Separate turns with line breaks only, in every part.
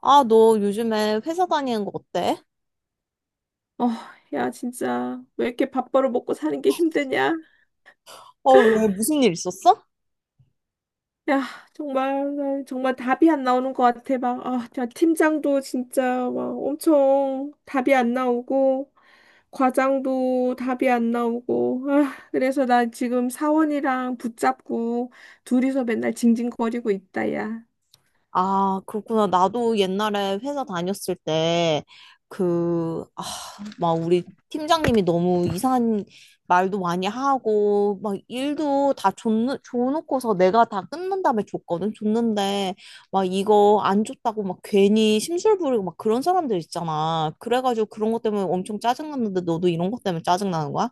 아, 너 요즘에 회사 다니는 거 어때?
어, 야, 진짜, 왜 이렇게 밥벌어 먹고 사는 게 힘드냐?
어, 왜 무슨 일 있었어?
야, 정말, 나 정말 답이 안 나오는 것 같아. 막, 아, 야, 팀장도 진짜 막 엄청 답이 안 나오고, 과장도 답이 안 나오고, 아, 그래서 나 지금 사원이랑 붙잡고, 둘이서 맨날 징징거리고 있다, 야.
아, 그렇구나. 나도 옛날에 회사 다녔을 때, 그, 아, 막 우리 팀장님이 너무 이상한 말도 많이 하고, 막 줘놓고서 내가 다 끝난 다음에 줬거든. 줬는데, 막 이거 안 줬다고 막 괜히 심술 부리고 막 그런 사람들 있잖아. 그래가지고 그런 것 때문에 엄청 짜증났는데 너도 이런 것 때문에 짜증나는 거야?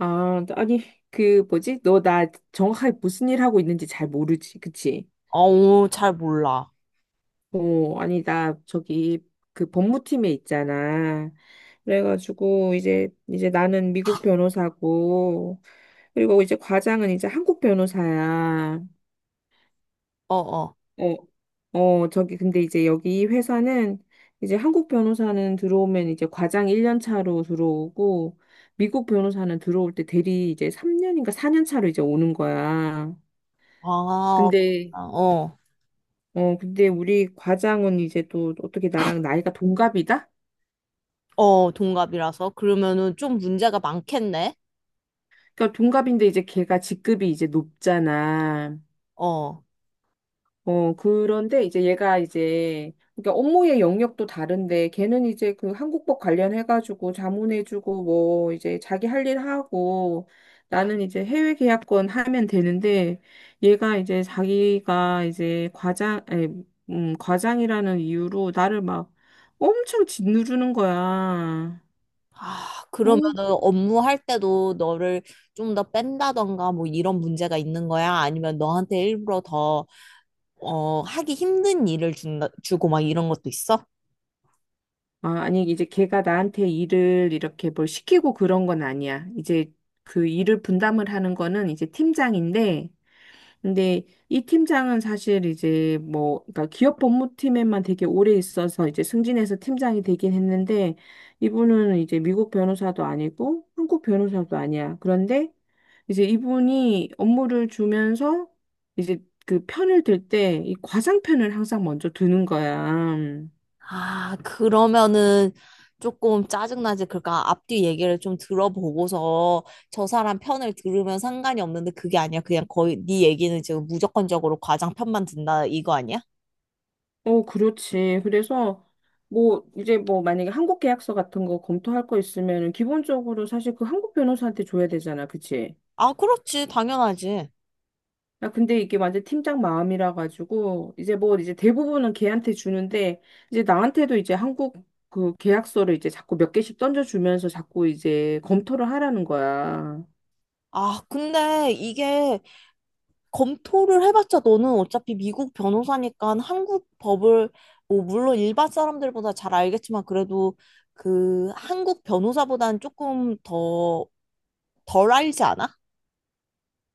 아, 아니, 그, 뭐지? 너 나 정확하게 무슨 일 하고 있는지 잘 모르지, 그치?
어우, 잘 몰라.
어, 아니, 나, 저기, 그 법무팀에 있잖아. 그래가지고, 이제, 이제 나는 미국 변호사고, 그리고 이제 과장은 이제 한국 변호사야.
어어.
어, 어, 저기, 근데 이제 여기 이 회사는, 이제 한국 변호사는 들어오면 이제 과장 1년 차로 들어오고, 미국 변호사는 들어올 때 대리 이제 3년인가 4년 차로 이제 오는 거야.
아,
근데,
그렇구나. 어,
어, 근데 우리 과장은 이제 또 어떻게 나랑 나이가 동갑이다?
어, 동갑이라서. 그러면은 좀 문제가 많겠네.
그러니까 동갑인데 이제 걔가 직급이 이제 높잖아.
어.
어, 그런데 이제 얘가 이제 그러니까 업무의 영역도 다른데 걔는 이제 그 한국법 관련해가지고 자문해주고 뭐 이제 자기 할 일 하고 나는 이제 해외 계약권 하면 되는데 얘가 이제 자기가 이제 과장, 아니, 과장이라는 이유로 나를 막 엄청 짓누르는 거야.
아,
어.
그러면은 업무할 때도 너를 좀 더 뺀다던가 뭐 이런 문제가 있는 거야? 아니면 너한테 일부러 더 어, 하기 힘든 주고 막 이런 것도 있어?
아, 아니, 이제 걔가 나한테 일을 이렇게 뭘 시키고 그런 건 아니야. 이제 그 일을 분담을 하는 거는 이제 팀장인데, 근데 이 팀장은 사실 이제 뭐, 그러니까 기업 법무팀에만 되게 오래 있어서 이제 승진해서 팀장이 되긴 했는데, 이분은 이제 미국 변호사도 아니고 한국 변호사도 아니야. 그런데 이제 이분이 업무를 주면서 이제 그 편을 들 때 이 과장 편을 항상 먼저 드는 거야.
아, 그러면은 조금 짜증나지. 그러니까 앞뒤 얘기를 좀 들어보고서 저 사람 편을 들으면 상관이 없는데 그게 아니야. 그냥 거의 네 얘기는 지금 무조건적으로 과장 편만 든다 이거 아니야?
어, 그렇지. 그래서 뭐 이제 뭐 만약에 한국 계약서 같은 거 검토할 거 있으면은 기본적으로 사실 그 한국 변호사한테 줘야 되잖아. 그치?
아, 그렇지. 당연하지.
아, 근데 이게 완전 팀장 마음이라 가지고 이제 뭐 이제 대부분은 걔한테 주는데 이제 나한테도 이제 한국 그 계약서를 이제 자꾸 몇 개씩 던져주면서 자꾸 이제 검토를 하라는 거야.
아, 근데 이게 검토를 해봤자 너는 어차피 미국 변호사니까 한국 법을, 뭐, 물론 일반 사람들보다 잘 알겠지만 그래도 그 한국 변호사보다는 조금 더 덜 알지 않아?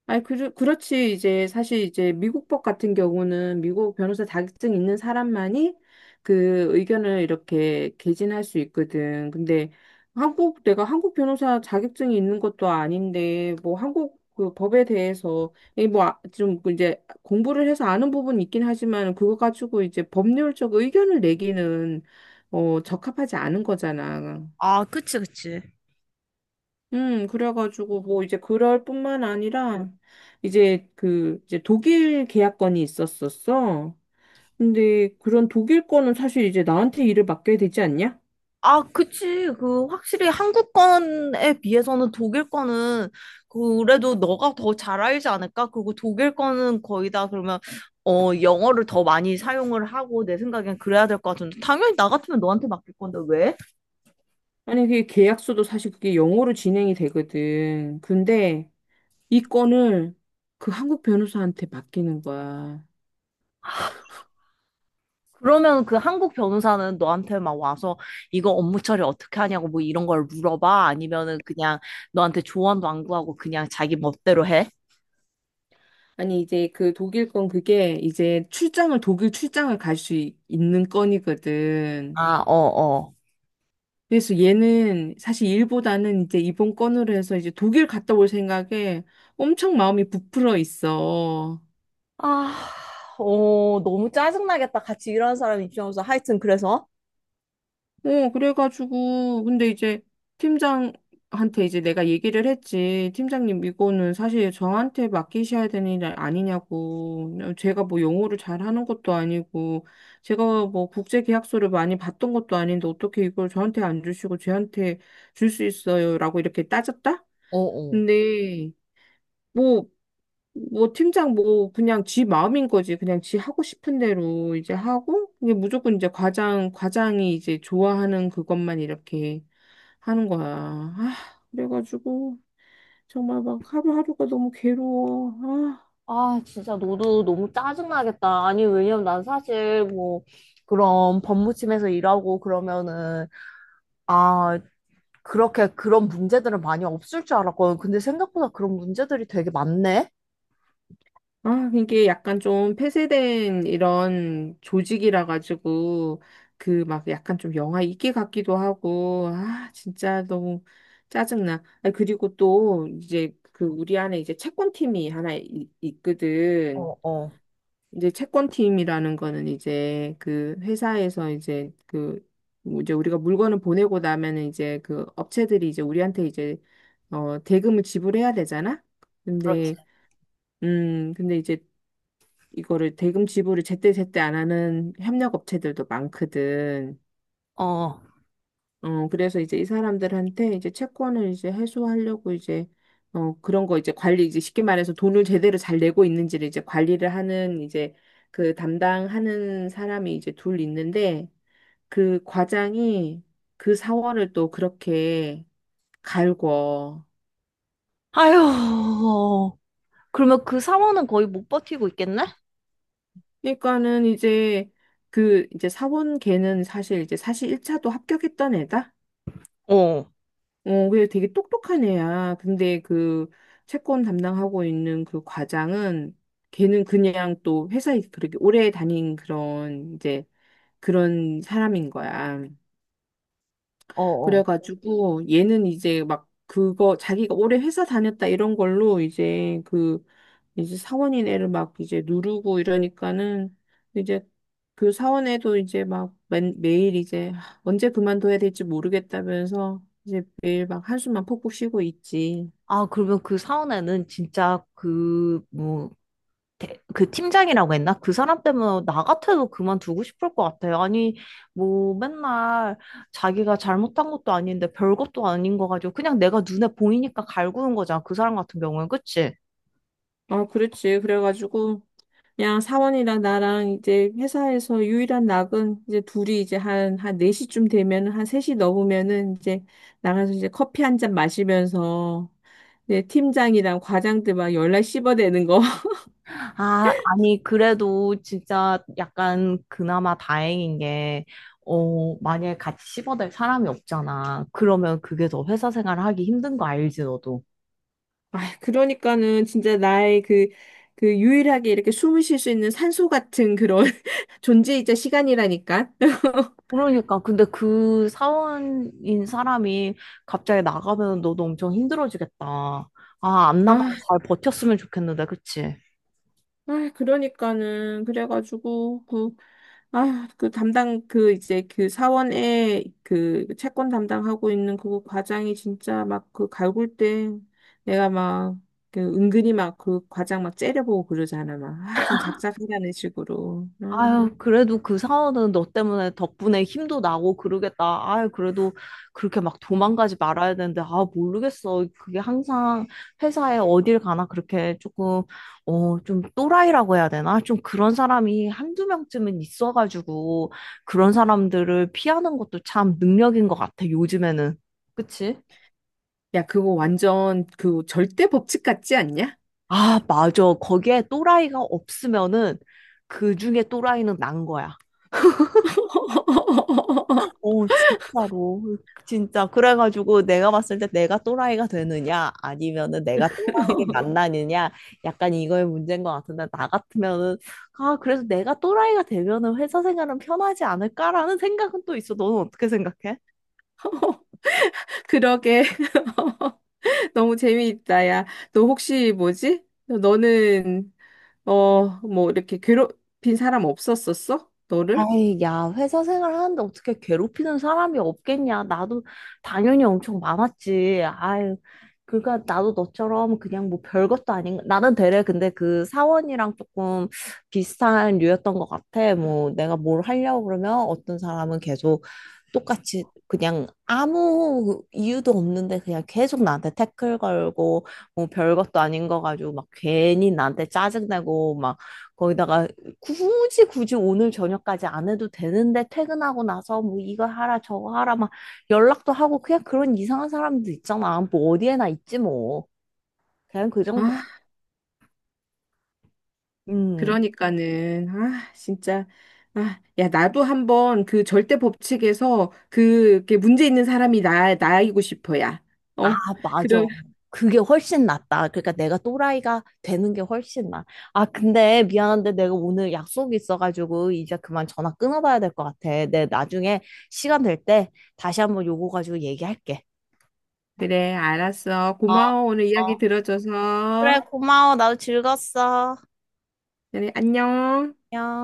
아니, 그, 그렇지. 이제 사실 이제 미국법 같은 경우는 미국 변호사 자격증 있는 사람만이 그 의견을 이렇게 개진할 수 있거든. 근데 한국, 내가 한국 변호사 자격증이 있는 것도 아닌데, 뭐 한국 그 법에 대해서, 이뭐좀 이제 공부를 해서 아는 부분이 있긴 하지만, 그거 가지고 이제 법률적 의견을 내기는, 어, 적합하지 않은 거잖아.
아, 그치, 그치.
그래가지고 뭐 이제 그럴 뿐만 아니라 이제 그 이제 독일 계약건이 있었었어. 근데 그런 독일 거는 사실 이제 나한테 일을 맡겨야 되지 않냐?
아, 그치. 그, 확실히 한국 건에 비해서는 독일 거는 그래도 너가 더 잘 알지 않을까? 그리고 독일 거는 거의 다 그러면, 어, 영어를 더 많이 사용을 하고 내 생각엔 그래야 될 것 같은데. 당연히 나 같으면 너한테 맡길 건데, 왜?
아니 그게 계약서도 사실 그게 영어로 진행이 되거든. 근데 이 건을 그 한국 변호사한테 맡기는 거야.
그러면 그 한국 변호사는 너한테 막 와서 이거 업무 처리 어떻게 하냐고 뭐 이런 걸 물어봐? 아니면은 그냥 너한테 조언도 안 구하고 그냥 자기 멋대로 해?
아니 이제 그 독일 건 그게 이제 출장을 독일 출장을 갈 수 있는 건이거든.
아, 어, 어.
그래서 얘는 사실 일보다는 이제 이번 건으로 해서 이제 독일 갔다 올 생각에 엄청 마음이 부풀어 있어.
아, 어, 너무 짜증나겠다. 같이 일하는 사람 입장에서. 하여튼, 그래서.
어, 그래가지고, 근데 이제 팀장한테 이제 내가 얘기를 했지. 팀장님, 이거는 사실 저한테 맡기셔야 되는 일 아니냐고. 제가 뭐 영어를 잘하는 것도 아니고, 제가 뭐 국제 계약서를 많이 봤던 것도 아닌데 어떻게 이걸 저한테 안 주시고 쟤한테 줄 수 있어요? 라고 이렇게 따졌다?
어, 어.
근데, 뭐, 뭐 팀장 뭐 그냥 지 마음인 거지. 그냥 지 하고 싶은 대로 이제 하고 이게 무조건 이제 과장이 이제 좋아하는 그것만 이렇게 하는 거야. 아, 그래가지고 정말 막 하루하루가 너무 괴로워. 아.
아, 진짜 너도 너무 짜증나겠다. 아니, 왜냐면 난 사실 뭐, 그런 법무팀에서 일하고 그러면은, 아, 그렇게 그런 문제들은 많이 없을 줄 알았거든. 근데 생각보다 그런 문제들이 되게 많네?
아, 이게 약간 좀 폐쇄된 이런 조직이라 가지고 그 막 약간 좀 영화 있게 같기도 하고 아, 진짜 너무 짜증나. 아, 그리고 또 이제 그 우리 안에 이제 채권팀이 하나 있거든.
어, 어.
이제 채권팀이라는 거는 이제 그 회사에서 이제 그뭐 이제 우리가 물건을 보내고 나면은 이제 그 업체들이 이제 우리한테 이제 어 대금을 지불해야 되잖아.
그렇지.
근데 근데 이제 이거를 대금 지불을 제때제때 안 하는 협력 업체들도 많거든.
어.
어, 그래서 이제 이 사람들한테 이제 채권을 이제 해소하려고 이제 어, 그런 거 이제 관리 이제 쉽게 말해서 돈을 제대로 잘 내고 있는지를 이제 관리를 하는 이제 그 담당하는 사람이 이제 둘 있는데 그 과장이 그 사원을 또 그렇게 갈궈.
아휴. 그러면 그 사원은 거의 못 버티고 있겠네?
그러니까는 이제 그 이제 사원 걔는 사실 이제 사실 1차도 합격했던 애다.
어,
어, 그래 되게 똑똑한 애야. 근데 그 채권 담당하고 있는 그 과장은 걔는 그냥 또 회사에 그렇게 오래 다닌 그런 이제 그런 사람인 거야.
어, 어.
그래가지고 얘는 이제 막 그거 자기가 오래 회사 다녔다 이런 걸로 이제 그 이제 사원인 애를 막 이제 누르고 이러니까는 이제 그 사원에도 이제 막 매, 매일 이제 언제 그만둬야 될지 모르겠다면서 이제 매일 막 한숨만 푹푹 쉬고 있지.
아, 그러면 그 사원에는 진짜 그, 뭐, 대- 그 팀장이라고 했나? 그 사람 때문에 나 같아도 그만두고 싶을 것 같아요. 아니, 뭐 맨날 자기가 잘못한 것도 아닌데 별것도 아닌 거 가지고 그냥 내가 눈에 보이니까 갈구는 거잖아. 그 사람 같은 경우는 그치?
어, 그렇지. 그래가지고, 그냥 사원이랑 나랑 이제 회사에서 유일한 낙은 이제 둘이 이제 한, 한 4시쯤 되면은, 한 3시 넘으면은 이제 나가서 이제 커피 한 잔 마시면서, 이제 팀장이랑 과장들 막 열날 씹어대는 거.
아, 아니 그래도 진짜 약간 그나마 다행인 게 어, 만약에 같이 씹어댈 사람이 없잖아. 그러면 그게 더 회사 생활 하기 힘든 거 알지, 너도?
아, 그러니까는 진짜 나의 그, 그 유일하게 이렇게 숨을 쉴 수 있는 산소 같은 그런 존재이자 시간이라니까.
그러니까 근데 그 사원인 사람이 갑자기 나가면 너도 엄청 힘들어지겠다. 아, 안 나가고
아,
잘 버텼으면 좋겠는데, 그치?
아, 그러니까는 그래가지고 그 아, 그 담당, 그 이제 그 사원에 그 채권 담당하고 있는 그 과장이 진짜 막 그 갈굴 때 내가 막 그 은근히 막 그 과장 막 째려보고 그러잖아. 막, 아, 좀 작작하라는 식으로. 음.
아유, 그래도 그 사원은 너 때문에 덕분에 힘도 나고 그러겠다. 아유, 그래도 그렇게 막 도망가지 말아야 되는데, 아, 모르겠어. 그게 항상 회사에 어딜 가나 그렇게 조금, 어, 좀 또라이라고 해야 되나? 좀 그런 사람이 한두 명쯤은 있어가지고, 그런 사람들을 피하는 것도 참 능력인 것 같아, 요즘에는. 그치?
야, 그거 완전 그 절대 법칙 같지 않냐?
아, 맞아. 거기에 또라이가 없으면은, 그 중에 또라이는 난 거야. 오 진짜로. 진짜. 그래가지고 내가 봤을 때 내가 또라이가 되느냐, 아니면은 내가 또라이를 만나느냐, 약간 이거의 문제인 것 같은데, 나 같으면은, 아, 그래서 내가 또라이가 되면은 회사 생활은 편하지 않을까라는 생각은 또 있어. 너는 어떻게 생각해?
그러게. 너무 재미있다, 야. 너 혹시 뭐지? 너는, 어, 뭐 이렇게 괴롭힌 사람 없었었어? 너를?
아이, 야, 회사 생활하는데 어떻게 괴롭히는 사람이 없겠냐. 나도 당연히 엄청 많았지. 아유, 그러니까 나도 너처럼 그냥 뭐 별것도 아닌, 나는 되레 근데 그 사원이랑 조금 비슷한 류였던 것 같아. 뭐 내가 뭘 하려고 그러면 어떤 사람은 계속 똑같이 그냥 아무 이유도 없는데 그냥 계속 나한테 태클 걸고 뭐 별것도 아닌 거 가지고 막 괜히 나한테 짜증내고 막 거기다가 굳이 오늘 저녁까지 안 해도 되는데 퇴근하고 나서 뭐 이거 하라 저거 하라 막 연락도 하고 그냥 그런 이상한 사람들 있잖아. 뭐 어디에나 있지 뭐. 그냥 그 정도.
아,
음.
그러니까는, 아, 진짜, 아, 야, 나도 한번 그 절대 법칙에서 그, 그 문제 있는 사람이 나, 나이고 싶어, 야.
아,
어?
맞아.
그럼,
그게 훨씬 낫다. 그러니까 내가 또라이가 되는 게 훨씬 나. 아, 근데 미안한데 내가 오늘 약속이 있어가지고 이제 그만 전화 끊어봐야 될 것 같아. 내 나중에 시간 될 때 다시 한번 요거 가지고 얘기할게.
그래, 알았어.
어,
고마워, 오늘
어.
이야기
그래,
들어줘서.
고마워. 나도 즐거웠어.
그래, 안녕.
안녕.